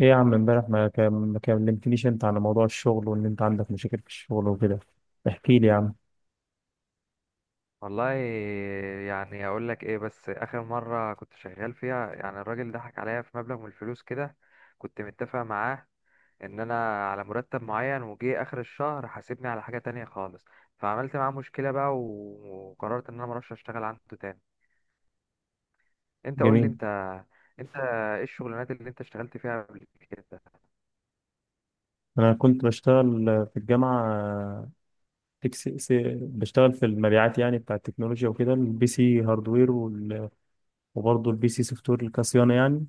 ايه يا عم، امبارح ما كلمتنيش انت عن موضوع الشغل وان انت عندك مشاكل في الشغل وكده. احكي لي يا عم. والله، يعني اقول لك ايه؟ بس اخر مره كنت شغال فيها يعني الراجل ضحك عليا في مبلغ من الفلوس كده. كنت متفق معاه ان انا على مرتب معين، وجي اخر الشهر حاسبني على حاجه تانية خالص. فعملت معاه مشكله بقى وقررت ان انا مروحش اشتغل عنده تاني. انت قول لي جميل. انت، انت ايه الشغلانات اللي انت اشتغلت فيها قبل كده؟ انا كنت بشتغل في الجامعة، تكس... س- بشتغل في المبيعات، يعني بتاع التكنولوجيا وكده، البي سي هاردوير وبرضه البي سي سوفت وير كصيانة يعني.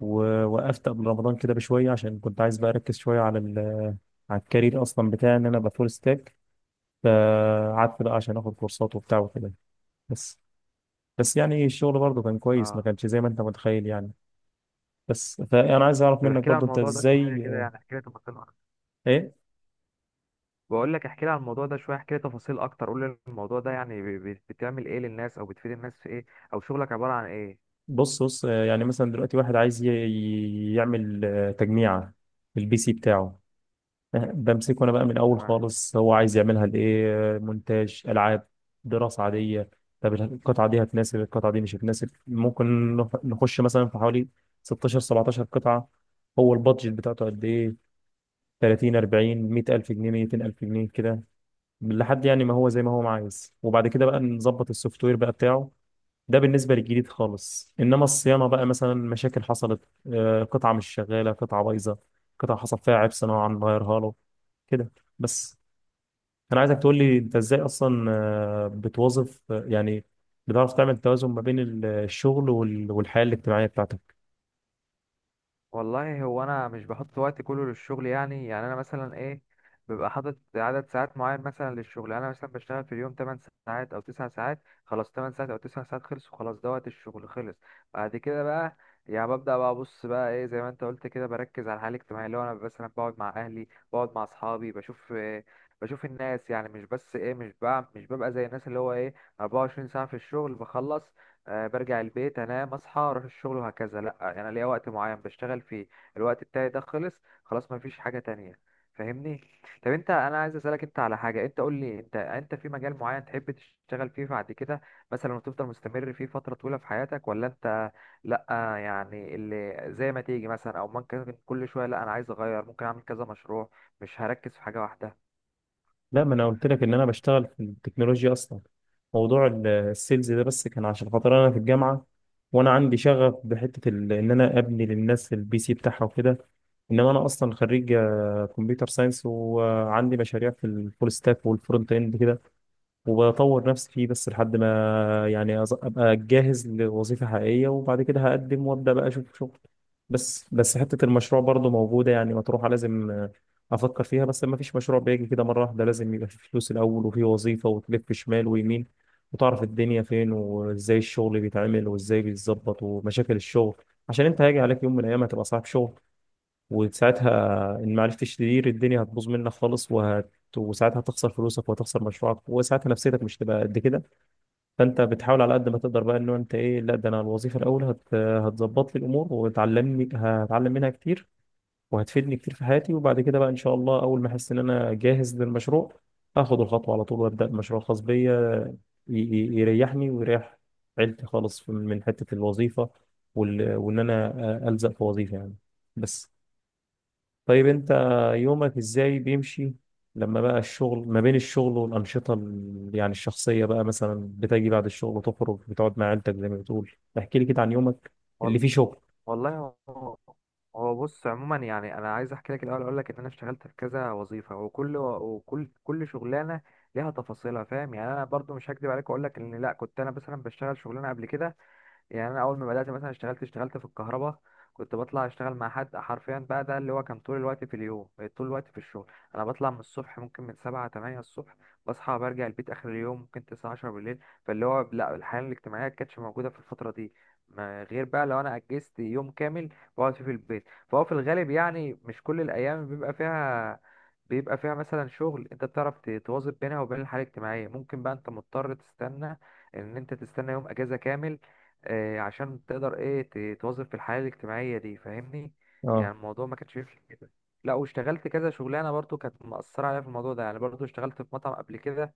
ووقفت قبل رمضان كده بشوية عشان كنت عايز بقى اركز شوية على على الكارير اصلا بتاعي، ان انا ابقى فول ستاك. فقعدت بقى عشان اخد كورسات وبتاع وكده. بس بس يعني الشغل برضه كان كويس، ما اه. كانش زي ما انت متخيل يعني. بس فانا عايز اعرف طب منك احكي لي عن برضو انت الموضوع ده شويه ازاي. كده، يعني احكي لي تفاصيل. ايه. بقول لك احكي لي عن الموضوع ده شويه، احكي لي تفاصيل اكتر. قول لي الموضوع ده يعني بتعمل ايه للناس؟ او بتفيد الناس في ايه؟ او شغلك عباره عن ايه؟ بص بص، يعني مثلا دلوقتي واحد عايز يعمل تجميعة في البي سي بتاعه. بمسكه انا بقى من الاول خالص، هو عايز يعملها لايه، مونتاج، العاب، دراسة عادية. طب القطعة دي هتناسب، القطعة دي مش هتناسب، ممكن نخش مثلا في حوالي 16 17 قطعة. هو البادجت بتاعته قد ايه؟ 30 40 100000 جنيه 200000 جنيه كده، لحد يعني ما هو زي ما هو عايز. وبعد كده بقى نظبط السوفت وير بقى بتاعه. ده بالنسبة للجديد خالص. إنما الصيانة بقى، مثلا مشاكل حصلت، قطعة مش شغالة، قطعة بايظة، قطعة حصل فيها عيب صناعة نغيرها له كده. بس. أنا عايزك تقول لي أنت إزاي أصلا بتوظف، يعني بتعرف تعمل توازن ما بين الشغل والحياة الاجتماعية بتاعتك. والله هو انا مش بحط وقت كله للشغل. يعني انا مثلا ايه، ببقى حاطط عدد ساعات معين مثلا للشغل. يعني انا مثلا بشتغل في اليوم 8 ساعات او 9 ساعات. خلاص 8 ساعات او 9 ساعات خلصوا، خلاص ده وقت الشغل خلص. بعد كده بقى يعني ببدأ بقى ابص بقى ايه زي ما انت قلت كده، بركز على الحياة الاجتماعية، اللي هو انا مثلا بقعد مع اهلي، بقعد مع اصحابي، بشوف إيه، بشوف الناس. يعني مش بس ايه، مش بقى مش ببقى زي الناس اللي هو ايه 24 ساعة في الشغل بخلص، برجع البيت انام اصحى اروح الشغل وهكذا. لا، انا ليا وقت معين بشتغل فيه. الوقت بتاعي ده خلص، خلاص ما فيش حاجة تانية. فاهمني؟ طب انت، انا عايز اسالك انت على حاجة. انت قول لي انت، انت في مجال معين تحب تشتغل فيه بعد كده مثلا وتفضل مستمر فيه فترة طويلة في حياتك، ولا انت لا، يعني اللي زي ما تيجي مثلا، او ممكن كل شوية لا انا عايز اغير، ممكن اعمل كذا مشروع مش هركز في حاجة واحدة؟ لا، ما انا قلت لك ان انا بشتغل في التكنولوجيا اصلا. موضوع السيلز ده بس كان عشان خاطر انا في الجامعه، وانا عندي شغف بحته ان انا ابني للناس البي سي بتاعها وكده. انما انا اصلا خريج كمبيوتر ساينس، وعندي مشاريع في الفول ستاك والفرونت اند كده، وبطور نفسي فيه بس لحد ما يعني ابقى جاهز لوظيفة حقيقية، وبعد كده هقدم وابدا بقى اشوف شغل. بس حتة المشروع برضه موجودة، يعني مطروحة، لازم افكر فيها. بس ما فيش مشروع بيجي كده مرة واحدة، لازم يبقى في فلوس الاول، وفي وظيفة، وتلف شمال ويمين، وتعرف الدنيا فين وازاي الشغل بيتعمل وازاي بيتظبط ومشاكل الشغل. عشان انت هيجي عليك يوم من الايام هتبقى صاحب شغل، وساعتها ان ما عرفتش تدير الدنيا هتبوظ منك خالص، وساعتها هتخسر فلوسك وهتخسر مشروعك، وساعتها نفسيتك مش تبقى قد كده. فانت بتحاول على قد ما تقدر بقى انه انت ايه، لا ده انا الوظيفه الاول هتظبط لي الامور وتعلمني، هتعلم منها كتير وهتفيدني كتير في حياتي. وبعد كده بقى ان شاء الله اول ما احس ان انا جاهز للمشروع هاخد الخطوه على طول وابدا مشروع خاص بيا، يريحني ويريح عيلتي خالص من حته الوظيفه وان انا الزق في وظيفه يعني. بس. طيب انت يومك ازاي بيمشي لما بقى الشغل، ما بين الشغل والأنشطة يعني الشخصية بقى، مثلا بتجي بعد الشغل تخرج بتقعد مع عيلتك زي ما بتقول؟ احكي لي كده عن يومك اللي فيه شغل. والله هو بص عموما، يعني انا عايز احكي لك الاول. اقول لك ان انا اشتغلت في كذا وظيفه، وكل شغلانه ليها تفاصيلها فاهم. يعني انا برضو مش هكدب عليك واقول لك ان لا كنت انا مثلا بشتغل شغلانه قبل كده. يعني انا اول ما بدات مثلا اشتغلت في الكهرباء. كنت بطلع اشتغل مع حد حرفيا، بقى ده اللي هو كان طول الوقت في اليوم طول الوقت في الشغل. انا بطلع من الصبح، ممكن من سبعة تمانية الصبح بصحى، برجع البيت اخر اليوم ممكن تسعة عشرة بالليل. فاللي هو لا الحياه الاجتماعيه كانتش موجوده في الفتره دي، ما غير بقى لو انا اجزت يوم كامل بقعد فيه في البيت. فهو في الغالب يعني مش كل الايام بيبقى فيها، مثلا شغل. انت بتعرف تواظب بينها وبين الحياه الاجتماعيه. ممكن بقى انت مضطر تستنى، ان انت تستنى يوم اجازه كامل، عشان تقدر ايه تواظب في الحياة الاجتماعية دي. فاهمني؟ يعني اه. الموضوع ما كانش يمشي كده. لا، واشتغلت كذا شغلانة برضو كانت مأثرة عليا في الموضوع ده. يعني برضو اشتغلت في مطعم قبل كده،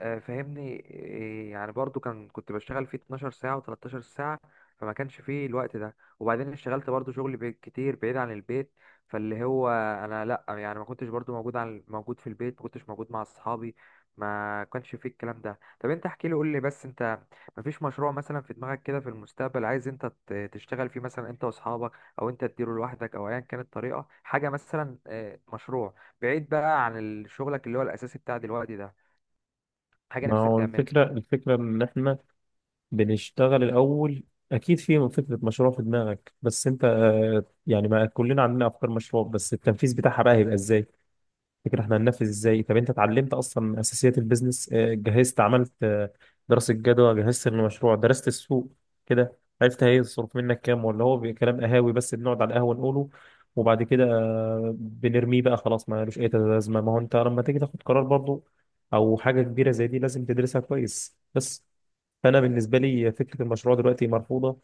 فاهمني إيه، يعني برضو كان كنت بشتغل فيه 12 ساعة و13 ساعة. فما كانش فيه الوقت ده. وبعدين اشتغلت برضو شغل كتير بعيد عن البيت. فاللي هو انا لا، يعني ما كنتش برضو موجود في البيت، ما كنتش موجود مع اصحابي. ما كانش فيه الكلام ده. طب انت احكي لي، قول لي بس انت، ما فيش مشروع مثلا في دماغك كده في المستقبل عايز انت تشتغل فيه مثلا انت واصحابك، او انت تديره لوحدك، او ايا كانت الطريقة؟ حاجة مثلا مشروع بعيد بقى عن شغلك اللي هو الاساسي بتاع دلوقتي ده، حاجة ما نفسك هو تعملها. الفكرة، الفكرة ان احنا بنشتغل الأول. اكيد في فكرة مشروع في دماغك، بس انت يعني ما كلنا عندنا افكار مشروع، بس التنفيذ بتاعها بقى هيبقى ازاي؟ تفتكر احنا هننفذ ازاي؟ طب انت اتعلمت اصلا من اساسيات البيزنس؟ جهزت، عملت دراسة جدوى؟ جهزت المشروع، درست السوق كده، عرفت هيصرف منك كام؟ ولا هو كلام قهاوي بس بنقعد على القهوة نقوله وبعد كده بنرميه بقى خلاص ما لوش اي لازمة؟ ما هو انت لما تيجي تاخد قرار برضو او حاجة كبيرة زي دي لازم تدرسها كويس. بس فانا بالنسبة لي فكرة المشروع دلوقتي مرفوضة،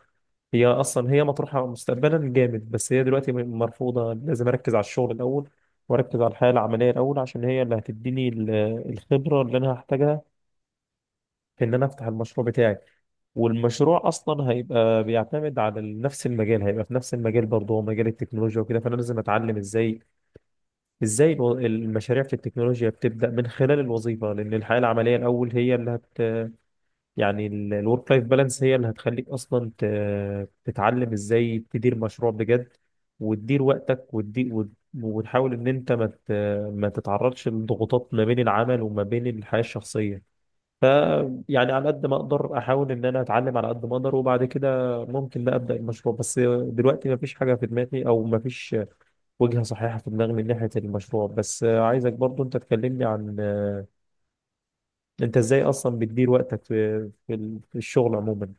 هي اصلا هي مطروحه مستقبلا جامد بس هي دلوقتي مرفوضه. لازم اركز على الشغل الاول، واركز على الحياه العمليه الاول، عشان هي اللي هتديني الخبره اللي انا هحتاجها في ان انا افتح المشروع بتاعي. والمشروع اصلا هيبقى بيعتمد على نفس المجال، هيبقى في نفس المجال برضه، هو مجال التكنولوجيا وكده. فانا لازم اتعلم ازاي، المشاريع في التكنولوجيا بتبدا من خلال الوظيفه، لان الحياه العمليه الاول هي اللي يعني الورك لايف بالانس هي اللي هتخليك اصلا تتعلم ازاي تدير مشروع بجد، وتدير وقتك، وتحاول ان انت ما ما تتعرضش لضغوطات ما بين العمل وما بين الحياة الشخصية. ف يعني على قد ما اقدر احاول ان انا اتعلم على قد ما اقدر، وبعد كده ممكن لا ابدا المشروع، بس دلوقتي ما فيش حاجة في دماغي، او ما فيش وجهة صحيحة في دماغي من ناحية المشروع. بس عايزك برضو انت تكلمني عن انت ازاي اصلا بتدير وقتك في في الشغل عموما.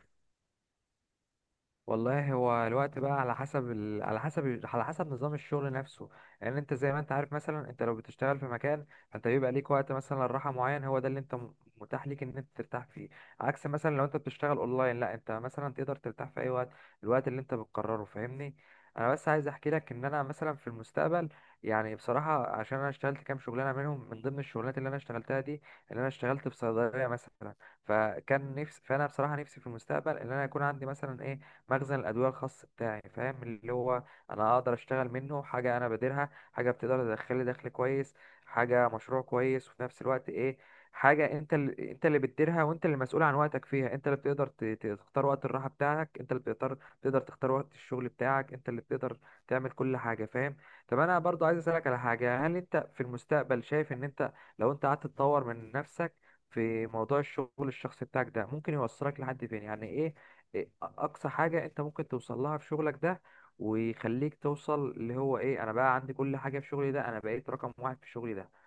والله هو الوقت بقى على حسب على حسب على حسب نظام الشغل نفسه. لان انت زي ما انت عارف، مثلا انت لو بتشتغل في مكان فانت بيبقى ليك وقت مثلا راحه معين، هو ده اللي انت متاح ليك ان انت ترتاح فيه. عكس مثلا لو انت بتشتغل اونلاين لا، انت مثلا تقدر ترتاح في اي وقت، الوقت اللي انت بتقرره. فاهمني؟ انا بس عايز احكي لك ان انا مثلا في المستقبل، يعني بصراحه، عشان انا اشتغلت كام شغلانه منهم، من ضمن الشغلانات اللي انا اشتغلتها دي اللي انا اشتغلت في صيدليه مثلا. فكان نفسي، فانا بصراحه نفسي في المستقبل ان انا يكون عندي مثلا ايه مخزن الادويه الخاص بتاعي. فاهم اللي هو انا اقدر اشتغل منه حاجه انا باديرها، حاجه بتقدر تدخل لي دخل كويس، حاجه مشروع كويس، وفي نفس الوقت ايه حاجه انت اللي بتديرها، وانت اللي مسؤول عن وقتك فيها، انت اللي بتقدر تختار وقت الراحه بتاعك، انت اللي تقدر تختار وقت الشغل بتاعك، انت اللي بتقدر تعمل كل حاجه. فاهم؟ طب انا برضو عايز اسالك على حاجه. هل انت في المستقبل شايف ان انت لو انت قعدت تطور من نفسك في موضوع الشغل الشخصي بتاعك ده ممكن يوصلك لحد فين؟ يعني ايه إيه اقصى حاجه انت ممكن توصل لها في شغلك ده، ويخليك توصل اللي هو ايه انا بقى عندي كل حاجه في شغلي ده، انا بقيت رقم واحد في شغلي ده؟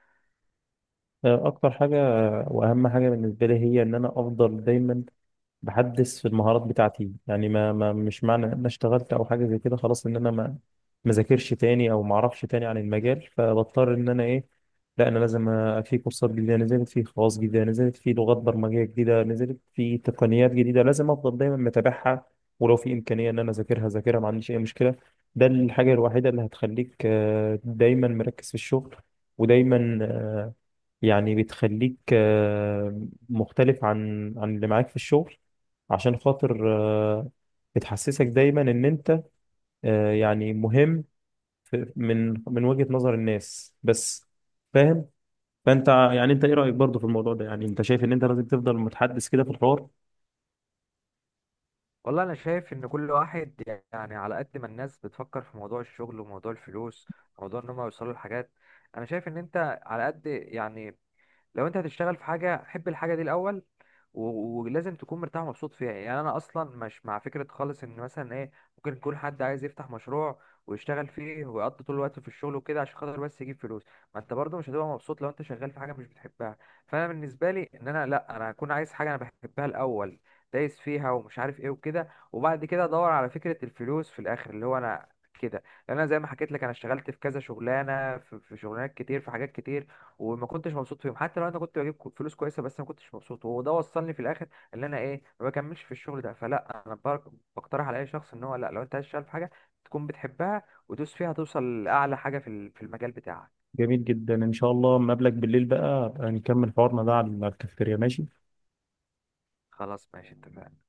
اكتر حاجه واهم حاجه بالنسبه لي هي ان انا افضل دايما بحدث في المهارات بتاعتي، يعني ما مش معنى ان انا اشتغلت او حاجه زي كده خلاص ان انا ما ذاكرش تاني او ما اعرفش تاني عن المجال، فبضطر ان انا ايه، لا انا لازم، في كورسات جديده نزلت، في خواص جديده نزلت، في لغات برمجيه جديده نزلت، في تقنيات جديده، لازم افضل دايما متابعها، ولو في امكانيه ان انا اذاكرها ذاكرها ما عنديش اي مشكله. ده الحاجه الوحيده اللي هتخليك دايما مركز في الشغل، ودايما يعني بتخليك مختلف عن اللي معاك في الشغل، عشان خاطر آه، بتحسسك دايما ان انت يعني مهم من وجهة نظر الناس. بس فاهم؟ فانت يعني انت ايه رأيك برضو في الموضوع ده؟ يعني انت شايف ان انت لازم تفضل متحدث كده في الحوار؟ والله انا شايف ان كل واحد، يعني على قد ما الناس بتفكر في موضوع الشغل وموضوع الفلوس، موضوع ان هم يوصلوا لحاجات، انا شايف ان انت على قد يعني لو انت هتشتغل في حاجه حب الحاجه دي الاول ولازم تكون مرتاح ومبسوط فيها. يعني انا اصلا مش مع فكره خالص ان مثلا ايه ممكن يكون حد عايز يفتح مشروع ويشتغل فيه ويقضي طول الوقت في الشغل وكده عشان خاطر بس يجيب فلوس. ما انت برضه مش هتبقى مبسوط لو انت شغال في حاجه مش بتحبها. فانا بالنسبه لي ان انا لا، انا هكون عايز حاجه انا بحبها الاول، دايس فيها ومش عارف ايه وكده، وبعد كده ادور على فكره الفلوس في الاخر اللي هو انا كده. لان انا زي ما حكيت لك انا اشتغلت في كذا شغلانه، في شغلانات كتير، في حاجات كتير، وما كنتش مبسوط فيهم. حتى لو انا كنت بجيب فلوس كويسه، بس ما كنتش مبسوط، وده وصلني في الاخر ان انا ايه ما بكملش في الشغل ده. فلا انا بقترح على اي شخص ان هو لا، لو انت عايز تشتغل في حاجه تكون بتحبها ودوس فيها توصل لاعلى حاجه في في المجال بتاعك. جميل جدا، ان شاء الله مقابلك بالليل بقى أبقى نكمل حوارنا ده على الكافيتيريا، ماشي؟ خلاص ماشي اتفقنا.